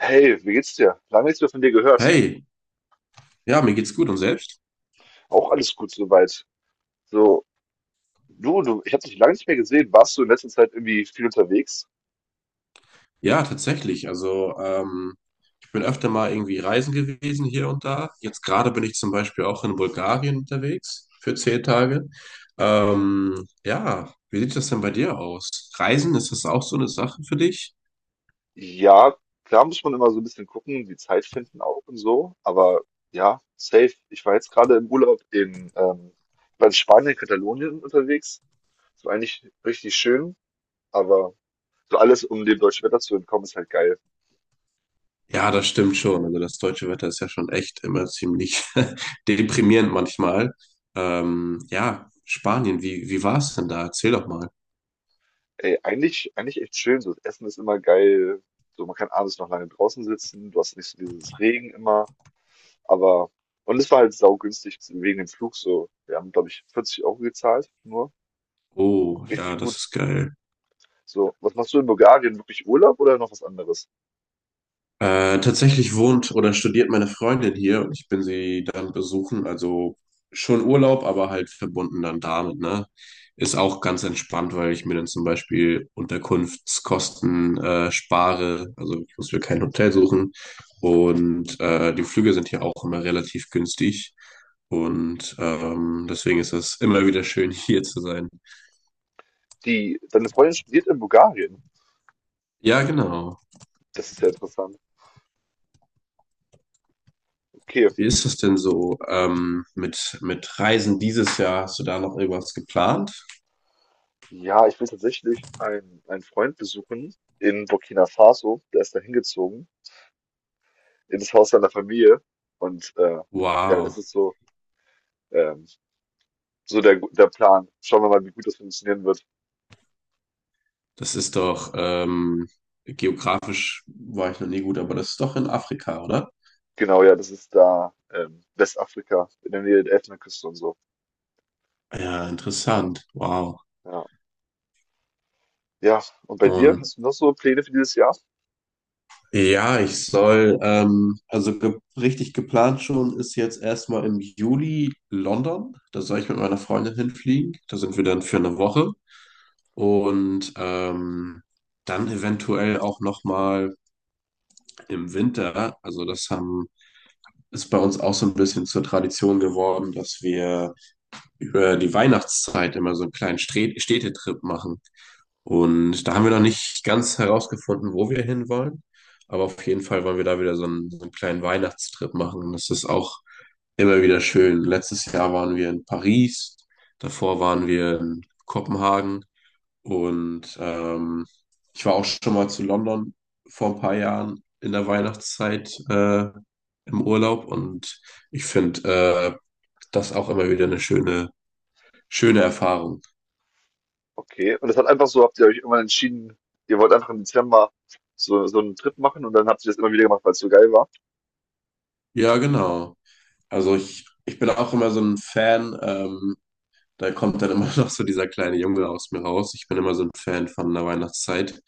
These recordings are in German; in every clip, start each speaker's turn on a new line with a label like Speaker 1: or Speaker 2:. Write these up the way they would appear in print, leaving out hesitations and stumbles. Speaker 1: Hey, wie geht's dir? Lange nichts mehr von dir gehört.
Speaker 2: Hey, ja, mir geht's gut und selbst?
Speaker 1: Auch alles gut soweit. So, ich habe dich lange nicht mehr gesehen. Warst du in letzter Zeit irgendwie viel unterwegs?
Speaker 2: Ja, tatsächlich. Also, ich bin öfter mal irgendwie reisen gewesen hier und da. Jetzt gerade bin ich zum Beispiel auch in Bulgarien unterwegs für 10 Tage. Ja, wie sieht das denn bei dir aus? Reisen, ist das auch so eine Sache für dich?
Speaker 1: Ja, klar muss man immer so ein bisschen gucken, die Zeit finden auch und so. Aber ja, safe. Ich war jetzt gerade im Urlaub ich war in Spanien, Katalonien unterwegs. So eigentlich richtig schön, aber so alles, um dem deutschen Wetter zu entkommen, ist halt geil.
Speaker 2: Ja, das stimmt schon. Also das deutsche Wetter ist ja schon echt immer ziemlich deprimierend manchmal. Ja, Spanien, wie war's denn da? Erzähl doch mal.
Speaker 1: Ey, eigentlich echt schön. So, das Essen ist immer geil. So, man kann abends noch lange draußen sitzen. Du hast nicht so dieses Regen immer. Aber und es war halt saugünstig wegen dem Flug so. Wir haben, glaube ich, 40 € gezahlt, nur.
Speaker 2: Oh, ja,
Speaker 1: Richtig
Speaker 2: das
Speaker 1: gut.
Speaker 2: ist geil.
Speaker 1: So, was machst du in Bulgarien? Wirklich Urlaub oder noch was anderes?
Speaker 2: Tatsächlich wohnt oder studiert meine Freundin hier und ich bin sie dann besuchen. Also schon Urlaub, aber halt verbunden dann damit, ne? Ist auch ganz entspannt, weil ich mir dann zum Beispiel Unterkunftskosten spare. Also ich muss mir kein Hotel suchen. Und die Flüge sind hier auch immer relativ günstig. Und deswegen ist es immer wieder schön, hier zu sein.
Speaker 1: Die, deine Freundin studiert in Bulgarien.
Speaker 2: Ja, genau.
Speaker 1: Das ist ja interessant. Okay.
Speaker 2: Wie ist das denn so mit Reisen dieses Jahr? Hast du da noch irgendwas geplant?
Speaker 1: Ja, ich will tatsächlich einen Freund besuchen in Burkina Faso. Der ist da hingezogen, in das Haus seiner Familie. Und äh, ja, das
Speaker 2: Wow,
Speaker 1: ist so, ähm, so der Plan. Schauen wir mal, wie gut das funktionieren wird.
Speaker 2: das ist doch geografisch war ich noch nie gut, aber das ist doch in Afrika, oder?
Speaker 1: Genau, ja, das ist da Westafrika, in der Nähe der Elfenbeinküste und so.
Speaker 2: Ja, interessant. Wow.
Speaker 1: Ja. Ja, und bei dir?
Speaker 2: Und
Speaker 1: Hast du noch so Pläne für dieses Jahr?
Speaker 2: ja, ich soll, also ge richtig geplant schon ist jetzt erstmal im Juli London. Da soll ich mit meiner Freundin hinfliegen. Da sind wir dann für
Speaker 1: Mhm.
Speaker 2: eine Woche. Und dann eventuell auch nochmal im Winter. Also das haben, ist bei uns auch so ein bisschen zur Tradition geworden, dass wir über die Weihnachtszeit immer so einen kleinen Städtetrip machen. Und da haben wir
Speaker 1: Mhm.
Speaker 2: noch nicht ganz herausgefunden, wo wir hinwollen. Aber auf jeden Fall wollen wir da wieder so einen kleinen Weihnachtstrip machen. Und das ist auch immer wieder schön. Letztes Jahr waren wir in Paris, davor waren wir in Kopenhagen und ich war auch schon mal zu London vor ein paar Jahren in der Weihnachtszeit im Urlaub und ich finde das auch immer wieder eine schöne Erfahrung.
Speaker 1: Okay. Und das hat einfach so, habt ihr euch irgendwann entschieden, ihr wollt einfach im Dezember so einen Trip machen und dann habt ihr das immer wieder gemacht, weil es so geil war.
Speaker 2: Ja, genau. Also ich bin auch immer so ein Fan. Da kommt dann immer noch so dieser kleine Junge aus mir raus. Ich bin immer so ein Fan von der Weihnachtszeit.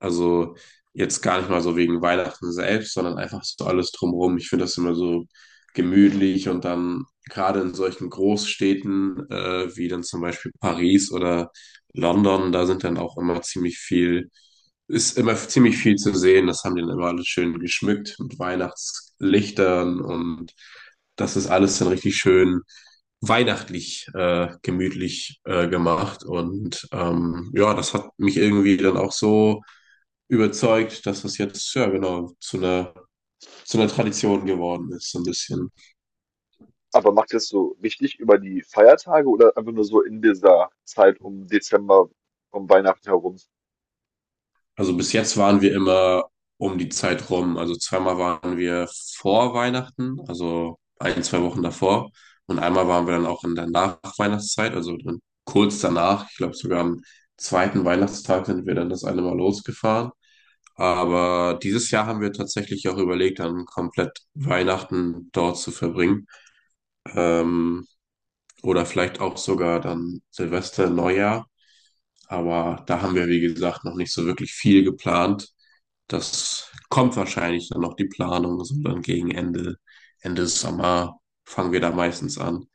Speaker 2: Also jetzt gar nicht mal so wegen Weihnachten selbst, sondern einfach so alles drumherum. Ich finde das immer so gemütlich und dann gerade in solchen Großstädten wie dann zum Beispiel Paris oder London, da sind dann auch immer ziemlich viel, ist immer ziemlich viel zu sehen. Das haben die dann immer alles schön geschmückt mit Weihnachtslichtern und das ist alles dann richtig schön weihnachtlich gemütlich gemacht. Und ja, das hat mich irgendwie dann auch so überzeugt, dass das jetzt, ja genau, zu einer Tradition geworden ist, so ein bisschen.
Speaker 1: Aber macht ihr das so richtig über die Feiertage oder einfach nur so in dieser Zeit um Dezember, um Weihnachten herum?
Speaker 2: Also bis jetzt waren wir immer um die Zeit rum. Also zweimal waren wir vor Weihnachten, also ein, zwei Wochen davor. Und einmal waren wir dann auch in der Nachweihnachtszeit, also dann kurz danach, ich glaube sogar am zweiten Weihnachtstag sind wir dann das eine Mal losgefahren. Aber dieses Jahr haben wir tatsächlich auch überlegt, dann komplett Weihnachten dort zu verbringen. Ähm, oder vielleicht auch sogar dann Silvester, Neujahr. Aber da haben wir, wie gesagt, noch nicht so wirklich viel geplant. Das kommt wahrscheinlich dann noch die Planung, sondern gegen Ende, Ende Sommer fangen wir da meistens an.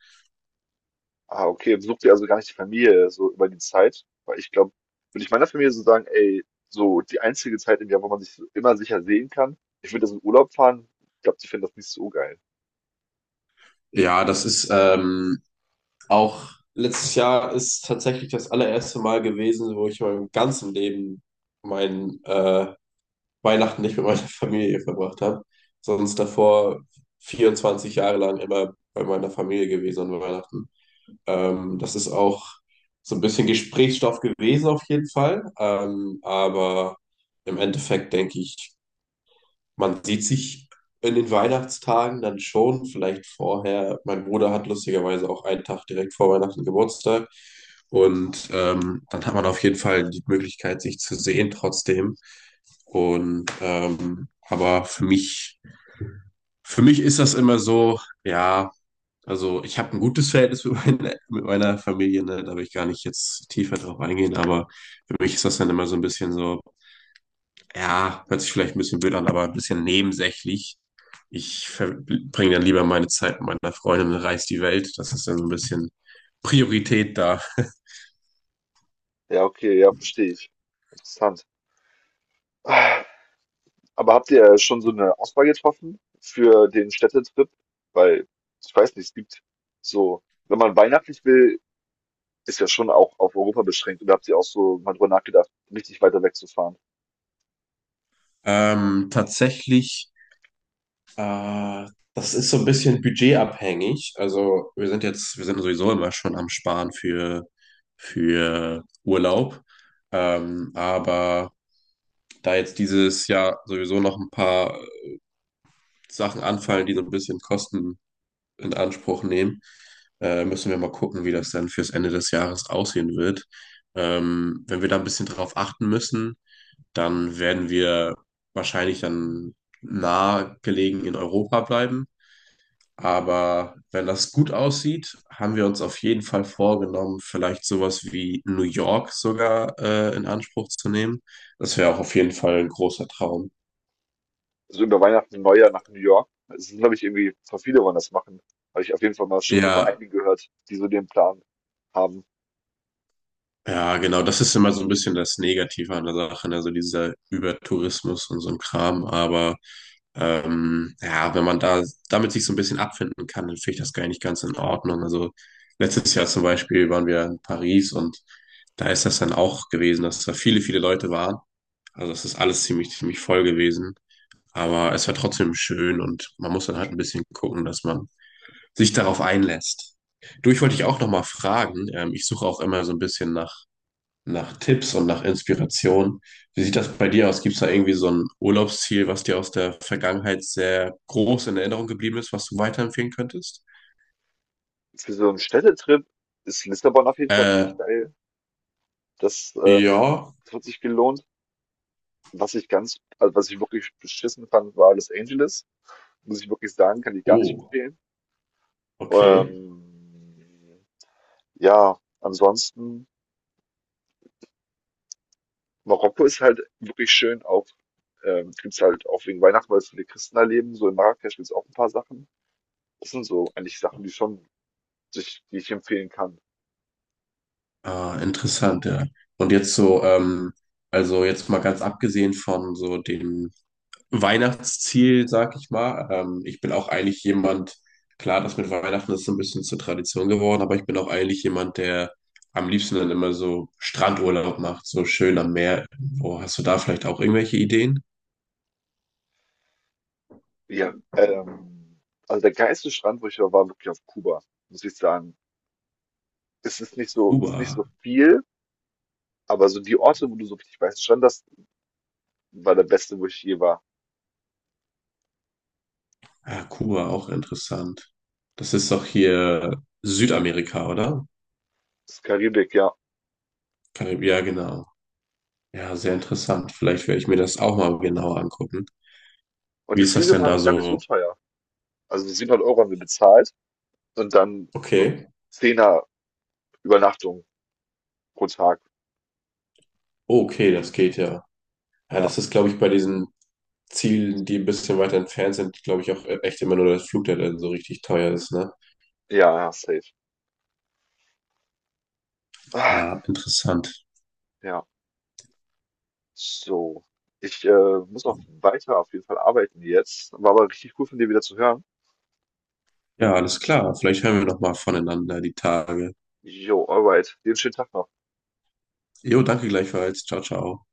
Speaker 1: Ah, okay. Besucht ihr also gar nicht die Familie so über die Zeit? Weil ich glaube, würde ich meiner Familie so sagen, ey, so die einzige Zeit im Jahr, wo man sich so immer sicher sehen kann, ich würde das in Urlaub fahren. Ich glaube, die finden das nicht so geil.
Speaker 2: Ja, das ist auch letztes Jahr ist tatsächlich das allererste Mal gewesen, wo ich in meinem ganzen Leben mein Weihnachten nicht mit meiner Familie verbracht habe, sonst davor 24 Jahre lang immer bei meiner Familie gewesen an Weihnachten. Das ist auch so ein bisschen Gesprächsstoff gewesen auf jeden Fall, aber im Endeffekt denke ich, man sieht sich in den Weihnachtstagen dann schon, vielleicht vorher. Mein Bruder hat lustigerweise auch einen Tag direkt vor Weihnachten Geburtstag. Und dann hat man auf jeden Fall die Möglichkeit, sich zu sehen trotzdem. Und aber für mich ist das immer so, ja, also ich habe ein gutes Verhältnis mit meiner Familie, ne? Da will ich gar nicht jetzt tiefer drauf eingehen, aber für mich ist das dann immer so ein bisschen so ja, hört sich vielleicht ein bisschen blöd an, aber ein bisschen nebensächlich. Ich verbringe dann lieber meine Zeit mit meiner Freundin und reise die Welt. Das ist dann so ein bisschen Priorität da.
Speaker 1: Ja, okay, ja, verstehe ich. Interessant. Aber habt ihr schon so eine Auswahl getroffen für den Städtetrip? Weil, ich weiß nicht, es gibt so, wenn man weihnachtlich will, ist ja schon auch auf Europa beschränkt. Oder habt ihr auch so mal drüber nachgedacht, richtig weiter wegzufahren?
Speaker 2: Tatsächlich, äh, das ist so ein bisschen budgetabhängig. Also wir sind jetzt, wir sind sowieso immer schon am Sparen für Urlaub. Aber da jetzt dieses Jahr sowieso noch ein paar Sachen anfallen, die so ein bisschen Kosten in Anspruch nehmen. Müssen wir mal gucken, wie das dann fürs Ende des Jahres aussehen wird. Wenn wir da ein bisschen drauf achten müssen, dann werden wir wahrscheinlich dann nah gelegen in Europa bleiben. Aber wenn das gut aussieht, haben wir uns auf jeden Fall vorgenommen, vielleicht sowas wie New York sogar in Anspruch zu nehmen. Das wäre auch auf jeden Fall ein großer Traum.
Speaker 1: Also über Weihnachten und Neujahr nach New York. Es sind, glaube ich, irgendwie, voll viele wollen das machen. Habe ich auf jeden Fall mal schon so von
Speaker 2: Ja,
Speaker 1: einigen gehört, die so den Plan haben.
Speaker 2: ja, genau, das ist immer so ein bisschen das Negative an der Sache, ne? Also dieser Übertourismus und so ein Kram. Aber ja, wenn man da damit sich so ein bisschen abfinden kann, dann finde ich das gar nicht ganz in Ordnung. Also letztes Jahr zum Beispiel waren wir in Paris und da ist das dann auch gewesen, dass da viele, viele Leute waren. Also das ist alles ziemlich, ziemlich voll gewesen. Aber es war trotzdem schön und man muss dann halt ein bisschen gucken, dass man sich darauf einlässt. Du, ich wollte dich auch nochmal fragen. Ich suche auch immer so ein bisschen nach Tipps und nach Inspiration. Wie sieht das bei dir aus? Gibt es da irgendwie so ein Urlaubsziel, was dir aus der Vergangenheit sehr groß in Erinnerung geblieben ist, was du weiterempfehlen könntest?
Speaker 1: Für so einen Städtetrip ist Lissabon auf jeden Fall
Speaker 2: Äh,
Speaker 1: richtig geil. Das,
Speaker 2: ja.
Speaker 1: das hat sich gelohnt. Was ich ganz also, was ich wirklich beschissen fand, war Los Angeles. Muss ich wirklich sagen, kann ich gar nicht
Speaker 2: Oh,
Speaker 1: empfehlen.
Speaker 2: okay.
Speaker 1: Ähm, ja, ansonsten, Marokko ist halt wirklich schön auch gibt's halt auch wegen Weihnachten, weil es viele Christen da leben. So in Marrakesch gibt's auch ein paar Sachen. Das sind so eigentlich Sachen, die schon sich die ich empfehlen kann.
Speaker 2: Ah, interessant, ja. Und jetzt so, also jetzt mal ganz abgesehen von so den Weihnachtsziel, sag ich mal. Ich bin auch eigentlich jemand, klar, das mit Weihnachten ist so ein bisschen zur Tradition geworden, aber ich bin auch eigentlich jemand, der am liebsten dann immer so Strandurlaub macht, so schön am Meer. Wo hast du da vielleicht auch irgendwelche Ideen?
Speaker 1: Ja, also, der geilste Strand, wo ich war, war wirklich auf Kuba, muss ich sagen. Es ist nicht
Speaker 2: Kuba.
Speaker 1: so viel, aber so die Orte, wo du so richtig weißen Strand hast, war der beste, wo ich je war.
Speaker 2: Ja, Kuba, auch interessant. Das ist doch hier Südamerika, oder?
Speaker 1: Das ist Karibik, ja.
Speaker 2: Ja, genau. Ja, sehr interessant. Vielleicht werde ich mir das auch mal genauer angucken.
Speaker 1: Und die
Speaker 2: Wie ist das
Speaker 1: Flüge
Speaker 2: denn da
Speaker 1: waren gar nicht so
Speaker 2: so?
Speaker 1: teuer. Also 700 € haben wir bezahlt und dann so
Speaker 2: Okay.
Speaker 1: Zehner Übernachtung pro Tag.
Speaker 2: Oh, okay, das geht ja. Ja,
Speaker 1: Ja,
Speaker 2: das ist, glaube ich, bei diesen Zielen, die ein bisschen weiter entfernt sind, glaube ich auch echt immer nur das Flug, der dann so richtig teuer ist, ne?
Speaker 1: ja, safe. Ah,
Speaker 2: Ah, interessant.
Speaker 1: ja, so. Ich muss noch weiter auf jeden Fall arbeiten jetzt. War aber richtig cool von dir wieder zu hören.
Speaker 2: Ja, alles klar. Vielleicht hören wir noch mal voneinander die Tage.
Speaker 1: Jo, alright. Dir einen schönen Tag noch.
Speaker 2: Jo, danke gleichfalls. Ciao, ciao.